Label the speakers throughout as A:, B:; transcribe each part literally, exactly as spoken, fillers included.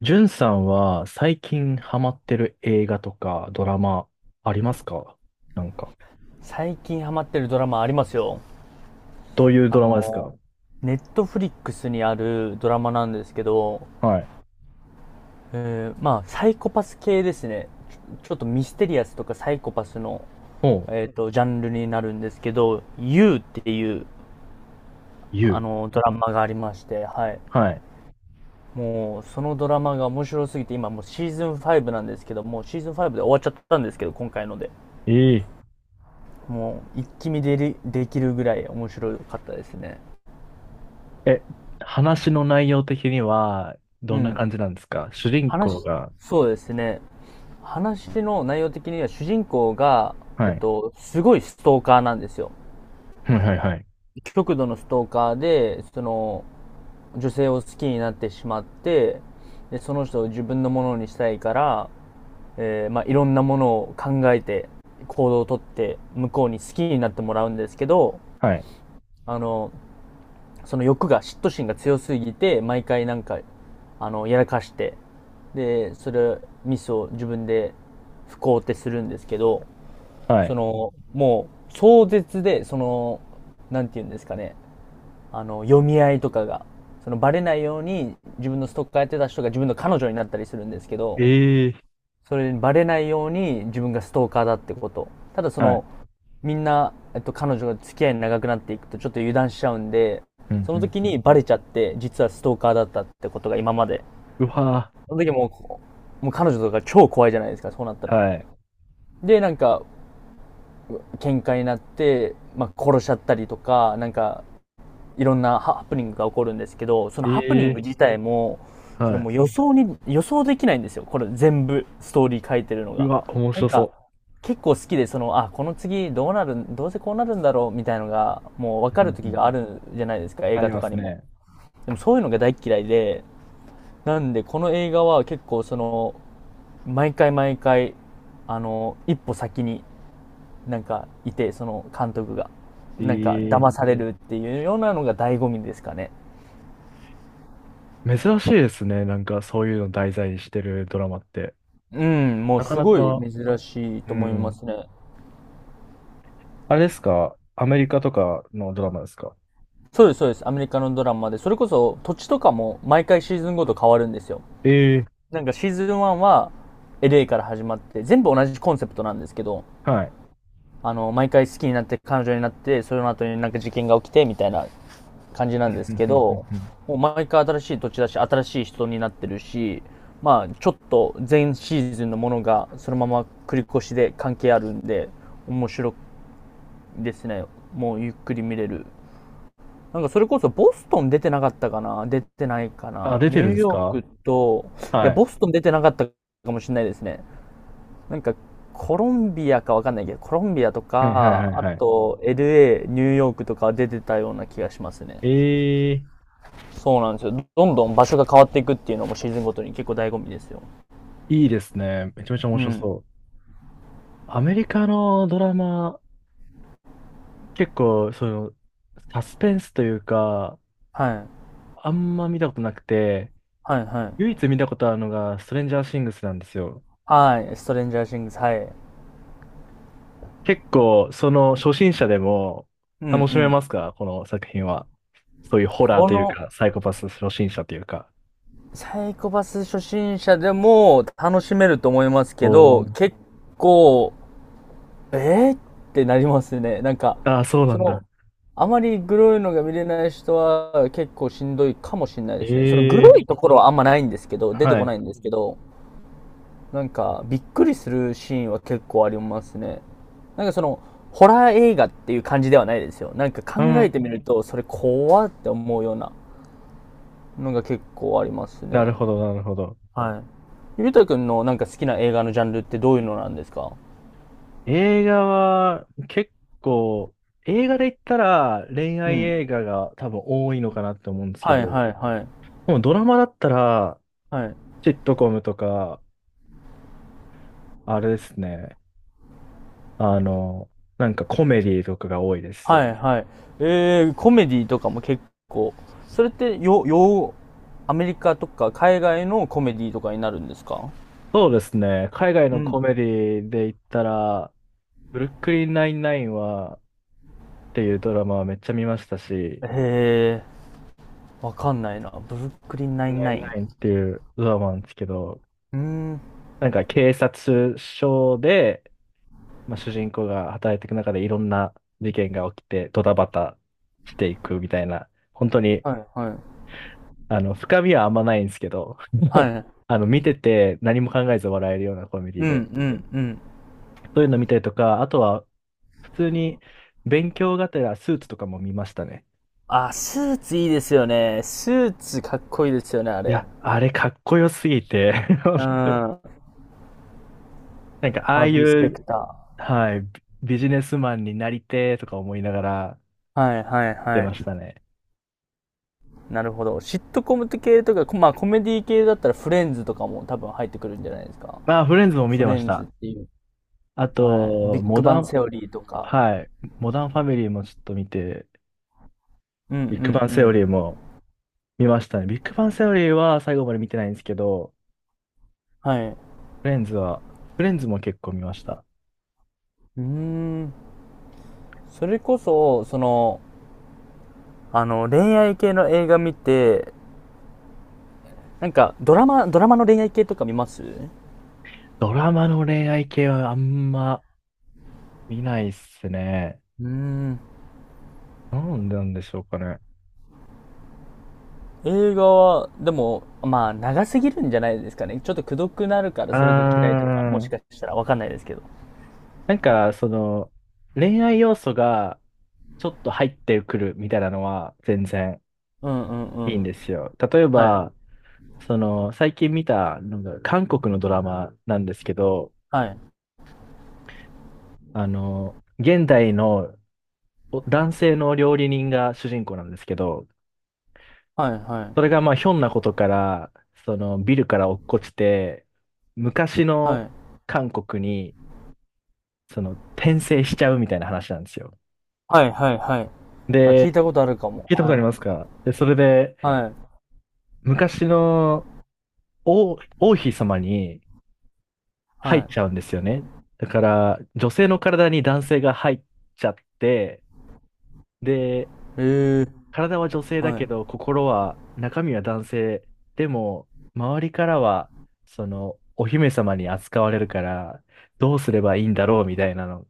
A: じゅんさんは最近ハマってる映画とかドラマありますか？なんか。
B: 最近ハマってるドラマありますよ。
A: どういう
B: あ
A: ドラマです
B: の、
A: か？
B: ネットフリックスにあるドラマなんですけど、
A: はい。
B: えーまあ、サイコパス系ですね。ちょ、ちょっとミステリアスとかサイコパスの、
A: おう、
B: えっと、ジャンルになるんですけど、You っていう、あ
A: You。
B: の、ドラマがありまして、はい。
A: はい。
B: もう、そのドラマが面白すぎて、今もうシーズンファイブなんですけど、もうシーズンファイブで終わっちゃったんですけど、今回ので。
A: え
B: もう、一気見でり、できるぐらい面白かったですね。
A: ええ、話の内容的には
B: う
A: どんな
B: ん。
A: 感じなんですか、主人公
B: 話、
A: が。
B: そうですね。話の内容的には主人公が、えっ
A: はい。
B: と、すごいストーカーなんですよ。
A: はいはいはい。
B: 極度のストーカーで、その、女性を好きになってしまって、で、その人を自分のものにしたいから、えーまあ、いろんなものを考えて、行動をとって、向こうに好きになってもらうんですけど、
A: はい。
B: あの、その欲が、嫉妬心が強すぎて、毎回なんか、あの、やらかして、で、それ、ミスを自分で不幸ってするんですけど、
A: は
B: そ
A: い。
B: の、もう、壮絶で、その、なんて言うんですかね、あの、読み合いとかが、その、バレないように、自分のストーカーやってた人が自分の彼女になったりするんですけど、
A: ええ、
B: それにバレないように自分がストーカーだってこと。ただそ
A: は
B: の、
A: い。
B: みんな、えっと、彼女が付き合いに長くなっていくとちょっと油断しちゃうんで、
A: うん
B: そ
A: う
B: の
A: ん
B: 時
A: う
B: に
A: ん。
B: バレちゃって、実はストーカーだったってことが今まで。
A: うわ
B: その時もう、もう彼女とか超怖いじゃないですか、そうなった
A: ぁ。
B: ら。
A: はい。
B: で、なんか、喧嘩になって、まあ、殺しちゃったりとか、なんか、いろんなハプニングが起こるんですけど、そのハプニング
A: ええ、
B: 自体も、それ
A: は
B: も
A: い。
B: う予想に、予想できないんですよ。これ全部、ストーリー書いてるの
A: う
B: が。
A: わ、面
B: なん
A: 白
B: か、
A: そ
B: 結構好きで、その、あ、この次どうなる、どうせこうなるんだろう、みたいのが、もう分か
A: う。う
B: る
A: ん
B: 時
A: うん、
B: があるじゃないですか、映
A: あ
B: 画
A: り
B: と
A: ま
B: か
A: す
B: にも。
A: ね。
B: でもそういうのが大っ嫌いで、なんで、この映画は結構その、毎回毎回、あの、一歩先になんかいて、その監督が。なんか
A: え
B: 騙さ
A: え、
B: れるっていうようなのが醍醐味ですかね。
A: 珍しいですね。なんかそういうの題材にしてるドラマって。
B: うん、もう
A: なか
B: す
A: な
B: ごい
A: か、
B: 珍しい
A: う
B: と思いま
A: ん。
B: すね。
A: あれですか？アメリカとかのドラマですか？
B: そうです、そうです。アメリカのドラマで、それこそ土地とかも毎回シーズンごと変わるんですよ。
A: ええ。
B: なんかシーズンワンは エルエー から始まって、全部同じコンセプトなんですけど、
A: はい。
B: あの、毎回好きになって彼女になって、その後になんか事件が起きてみたいな感じなん
A: う
B: で
A: んう
B: す
A: んうん
B: け
A: う
B: ど、
A: んうん、
B: もう毎回新しい土地だし、新しい人になってるし、まあ、ちょっと前シーズンのものがそのまま繰り越しで関係あるんで、面白いですね。もうゆっくり見れる。なんかそれこそボストン出てなかったかな出てないか
A: あ、
B: な
A: 出
B: ニ
A: てる
B: ュ
A: ん
B: ー
A: です
B: ヨー
A: か？
B: クと、いや、
A: は
B: ボ
A: い。
B: ストン出てなかったかもしれないですね。なんかコロンビアかわかんないけど、コロンビアと
A: はいはいは
B: か、
A: い
B: あ
A: はい。
B: と エルエー、ニューヨークとかは出てたような気がしますね。
A: ええ、
B: そうなんですよ。どんどん場所が変わっていくっていうのもシーズンごとに結構醍醐味ですよ。
A: いいですね。めちゃめちゃ面
B: う
A: 白
B: ん。
A: そう。アメリカのドラマ、結構、その、サスペンスというか、
B: はい。
A: あんま見たことなくて、
B: はい、は
A: 唯
B: い。
A: 一見たことあるのが、ストレンジャーシングスなんですよ。
B: はい。ストレンジャーシングス、はい。
A: 結構、その初心者でも
B: うん、う
A: 楽しめ
B: ん。
A: ますか？この作品は。そういうホラー
B: こ
A: という
B: の、
A: か、サイコパス初心者というか。
B: サイコパス初心者でも楽しめると思いますけ
A: お
B: ど、
A: ー。
B: 結構、えー、ってなりますね。なんか、
A: ああ、そうな
B: そ
A: ん
B: の、
A: だ。
B: あまりグロいのが見れない人は結構しんどいかもしれないですね。そのグ
A: ええ、
B: ロいところはあんまないんですけど、出て
A: は
B: こな
A: い。
B: いんですけど、なんか、びっくりするシーンは結構ありますね。なんかその、ホラー映画っていう感じではないですよ。なんか考
A: う
B: え
A: ん。
B: てみると、それ怖って思うようなのが結構あります
A: な
B: ね。
A: るほど、なるほど。
B: はい。ゆうたくんのなんか好きな映画のジャンルってどういうのなんですか？
A: 映画は結構、映画で言ったら恋
B: う
A: 愛
B: ん。
A: 映画が多分多いのかなって思うんですけ
B: は
A: ど、
B: いはいはい。
A: もうドラマだったら、
B: はい。
A: シットコムとか、あれですね。あの、なんかコメディとかが多いです。
B: はいはい。えー、コメディとかも結構。それってよ、よ、アメリカとか海外のコメディとかになるんですか？
A: そうですね。海外
B: う
A: のコ
B: ん。
A: メディで言ったら、ブルックリンナインナインは、っていうドラマはめっちゃ見ましたし、
B: へえ。わかんないな。ブルックリンナインナイン。
A: ナインナインっていうドラマなんですけど、
B: うーん。
A: なんか警察署で、まあ、主人公が働いていく中でいろんな事件が起きてドタバタしていくみたいな、本当に、
B: はいはい。
A: あの、深みはあんまないんですけど、
B: は い。
A: あの、見てて何も考えず笑えるようなコメディ
B: うんう
A: で、
B: んうん。
A: そういうの見たりとか、あとは普通に勉強がてらスーツとかも見ましたね。
B: あ、スーツいいですよね。スーツかっこいいですよね、あ
A: い
B: れ。
A: や、あれかっこよすぎて
B: う ん。
A: なんかあ
B: ハ
A: あ
B: ー
A: い
B: ビー・スペク
A: う、
B: タ
A: はい、ビビジネスマンになりてーとか思いながら
B: ー。はいはい
A: 見て
B: は
A: まし
B: い。
A: たね。
B: なるほど。シットコム系とか、こまあコメディ系だったらフレンズとかも多分入ってくるんじゃないですか。
A: まあ、フレンズも見
B: フ
A: てま
B: レ
A: し
B: ンズっ
A: た。
B: ていう。
A: あ
B: はい。ビ
A: と、
B: ッ
A: モ
B: グバ
A: ダ
B: ン
A: ン、
B: セオリーとか。
A: はい、モダンファミリーもちょっと見て、
B: うんうんう
A: ビッグバンセオ
B: ん。
A: リーも見ましたね。ビッグバンセオリーは最後まで見てないんですけど、
B: はい。う
A: フレンズは、フレンズも結構見ました。
B: ーん。それこそ、その、あの、恋愛系の映画見て、なんか、ドラマ、ドラマの恋愛系とか見ますう
A: ドラマの恋愛系はあんま見ないっすね。
B: ーん。
A: なんでなんでしょうかね。
B: 映画は、でも、まあ、長すぎるんじゃないですかね。ちょっとくどくなるから
A: うー
B: それが嫌いとか、もし
A: ん。
B: かしたらわかんないですけど。
A: なんか、その、恋愛要素がちょっと入ってくるみたいなのは全然
B: うんうんう
A: い
B: ん。
A: いんですよ。例え
B: はい。
A: ば、その、最近見た、なんだろう、韓国のドラマなんですけど、
B: はい。
A: あの、現代のお男性の料理人が主人公なんですけど、
B: はいは
A: それが
B: い。
A: まあ、ひょんなことから、その、ビルから落っこちて、昔
B: は
A: の
B: い。
A: 韓国に、その、転生しちゃうみたいな話なんですよ。
B: はいはいはい。あ、聞い
A: で、
B: たことあるかも。
A: 聞いたことあ
B: は
A: りま
B: い。
A: すか？で、それで、
B: はい。
A: 昔の王、王妃様に入
B: は
A: っちゃうん
B: い。
A: ですよね。だから、女性の体に男性が入っちゃって、で、
B: ええ
A: 体は女性だ
B: はい。
A: けど、心は、中身は男性。でも、周りからは、その、お姫様に扱われるから、どうすればいいんだろうみたいなの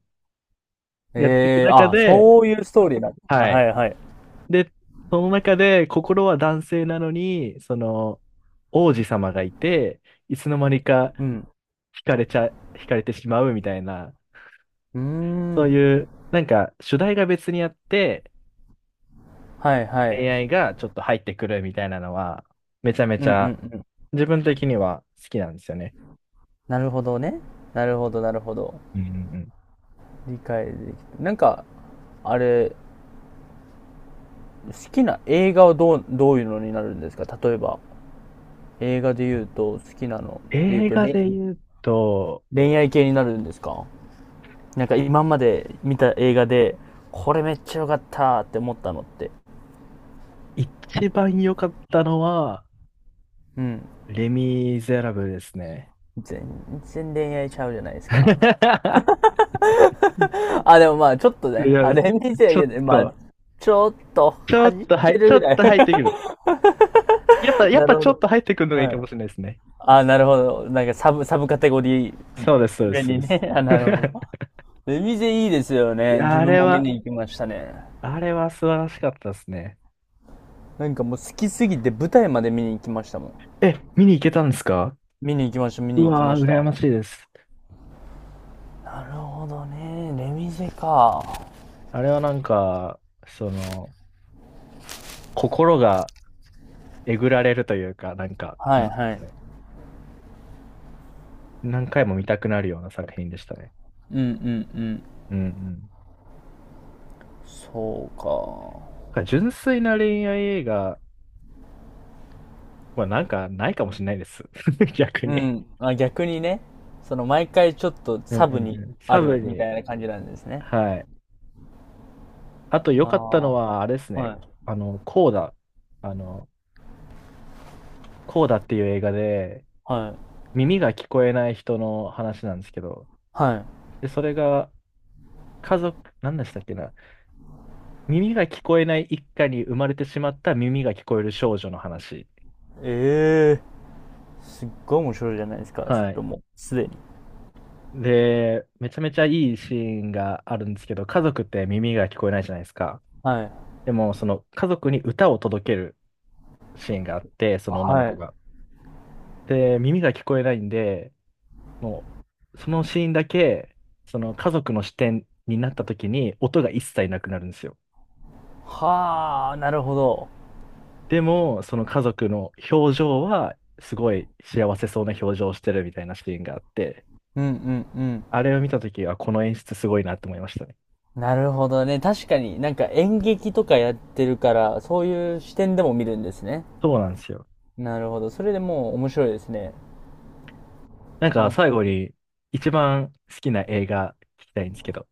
A: やっていく
B: ええ
A: 中
B: あ、
A: で、
B: そういうストーリーなんですね。
A: は
B: はい
A: い。
B: はい。
A: で、その中で、心は男性なのに、その、王子様がいて、いつの間にか、
B: うん。
A: 惹かれちゃ、惹かれてしまうみたいな、
B: うー
A: そう
B: ん。
A: いう、なんか主題が別にあって、
B: はいは
A: 恋
B: い。
A: 愛がちょっと入ってくるみたいなのは、めちゃめ
B: う
A: ち
B: んうん
A: ゃ
B: うん。
A: 自分的には好きなんですよね。
B: なるほどね。なるほどなるほど。
A: うんうんうん。
B: 理解できた。なんか、あれ、好きな映画はどう、どういうのになるんですか？例えば、映画で言うと、好きなので言う
A: 映
B: と、
A: 画
B: れ
A: で言うと、
B: 恋愛系になるんですか？なんか今まで見た映画で、これめっちゃ良かったって思ったのって。
A: 一番良かったのは、
B: うん。
A: レ・ミゼラブルですね。
B: 全然恋愛ちゃうじゃないですか。あ、でもまあ、ちょっと
A: い
B: ね、
A: や、
B: あれ見
A: ち
B: て、
A: ょ
B: いや
A: っ
B: ねまあ、
A: と、
B: ちょっと
A: ちょっ
B: 恥じっ
A: と、は
B: て
A: い、ち
B: る
A: ょっ
B: ぐらい
A: と入ってくる。やっぱ、やっ
B: な
A: ぱ
B: るほ
A: ちょっ
B: ど。
A: と入ってくるのがい
B: は
A: いか
B: い。
A: もしれないですね。
B: あ、なるほど。なんかサブ、サブカテゴリー
A: そうです、そうで
B: 目
A: す、そうで
B: に
A: す。
B: ね。あ、なるほど。ベビゼいいですよ
A: い
B: ね。
A: や、
B: 自
A: あ
B: 分
A: れ
B: も見
A: は、
B: に行きましたね。
A: あれは素晴らしかったですね。
B: なんかもう好きすぎて舞台まで見に行きましたもん。
A: え、見に行けたんですか？
B: 見に行きました、見
A: う
B: に行きま
A: わー、
B: し
A: 羨
B: た。
A: ましいです。
B: なるほどね。レミゼか。は
A: あれはなんか、その、心がえぐられるというか、なんか、
B: い
A: なんてい
B: は
A: うんです
B: い。
A: かね？何回も見たくなるような作品でしたね。
B: うんうんうん。
A: うんうん。なん
B: そうか。
A: か純粋な恋愛映画はなんかないかもしれないです。逆
B: う
A: に。
B: ん。あ、逆にね、その毎回ちょっと
A: うん
B: サ
A: う
B: ブ
A: ん
B: に
A: うん。
B: あ
A: サブ
B: るみ
A: に。
B: たいな感じなんですね。
A: はい。あと良
B: あ
A: かったのは、あれです
B: あ、は
A: ね。
B: い、
A: あの、コーダ。あの、コーダっていう映画で、
B: はい、
A: 耳が聞こえない人の話なんですけど、
B: はい。
A: で、それが家族、何でしたっけな。耳が聞こえない一家に生まれてしまった耳が聞こえる少女の話。
B: ええーすっごい面白いじゃないですか、そ
A: は
B: れ
A: い。
B: も、すでに。
A: で、めちゃめちゃいいシーンがあるんですけど、家族って耳が聞こえないじゃないですか。
B: はい、
A: でも、その家族に歌を届けるシーンがあって、その女の
B: は
A: 子
B: い。
A: が。で、耳が聞こえないんで、もう、そのシーンだけ、その家族の視点になった時に音が一切なくなるんですよ。
B: はあ、なるほど。
A: でも、その家族の表情は、すごい幸せそうな表情をしてるみたいなシーンがあって、
B: うんうんうん。
A: あれを見たときは、この演出すごいなって思いましたね。
B: なるほどね。確かになんか演劇とかやってるから、そういう視点でも見るんですね。
A: そうなんですよ。
B: なるほど。それでもう面白いですね。
A: なんか、
B: もっ
A: 最後
B: と。
A: に、一番好きな映画聞きたいんですけど、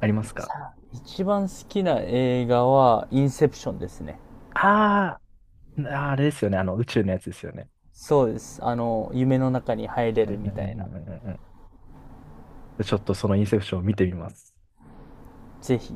A: ありますか？
B: さあ、一番好きな映画はインセプションですね。
A: あー、あれですよね。あの、宇宙のやつですよね。
B: そうです。あの、夢の中に入れ
A: うんう
B: る
A: んう
B: みたい
A: んう
B: な。
A: んうんうん。ちょっとそのインセプションを見てみます。
B: ぜひ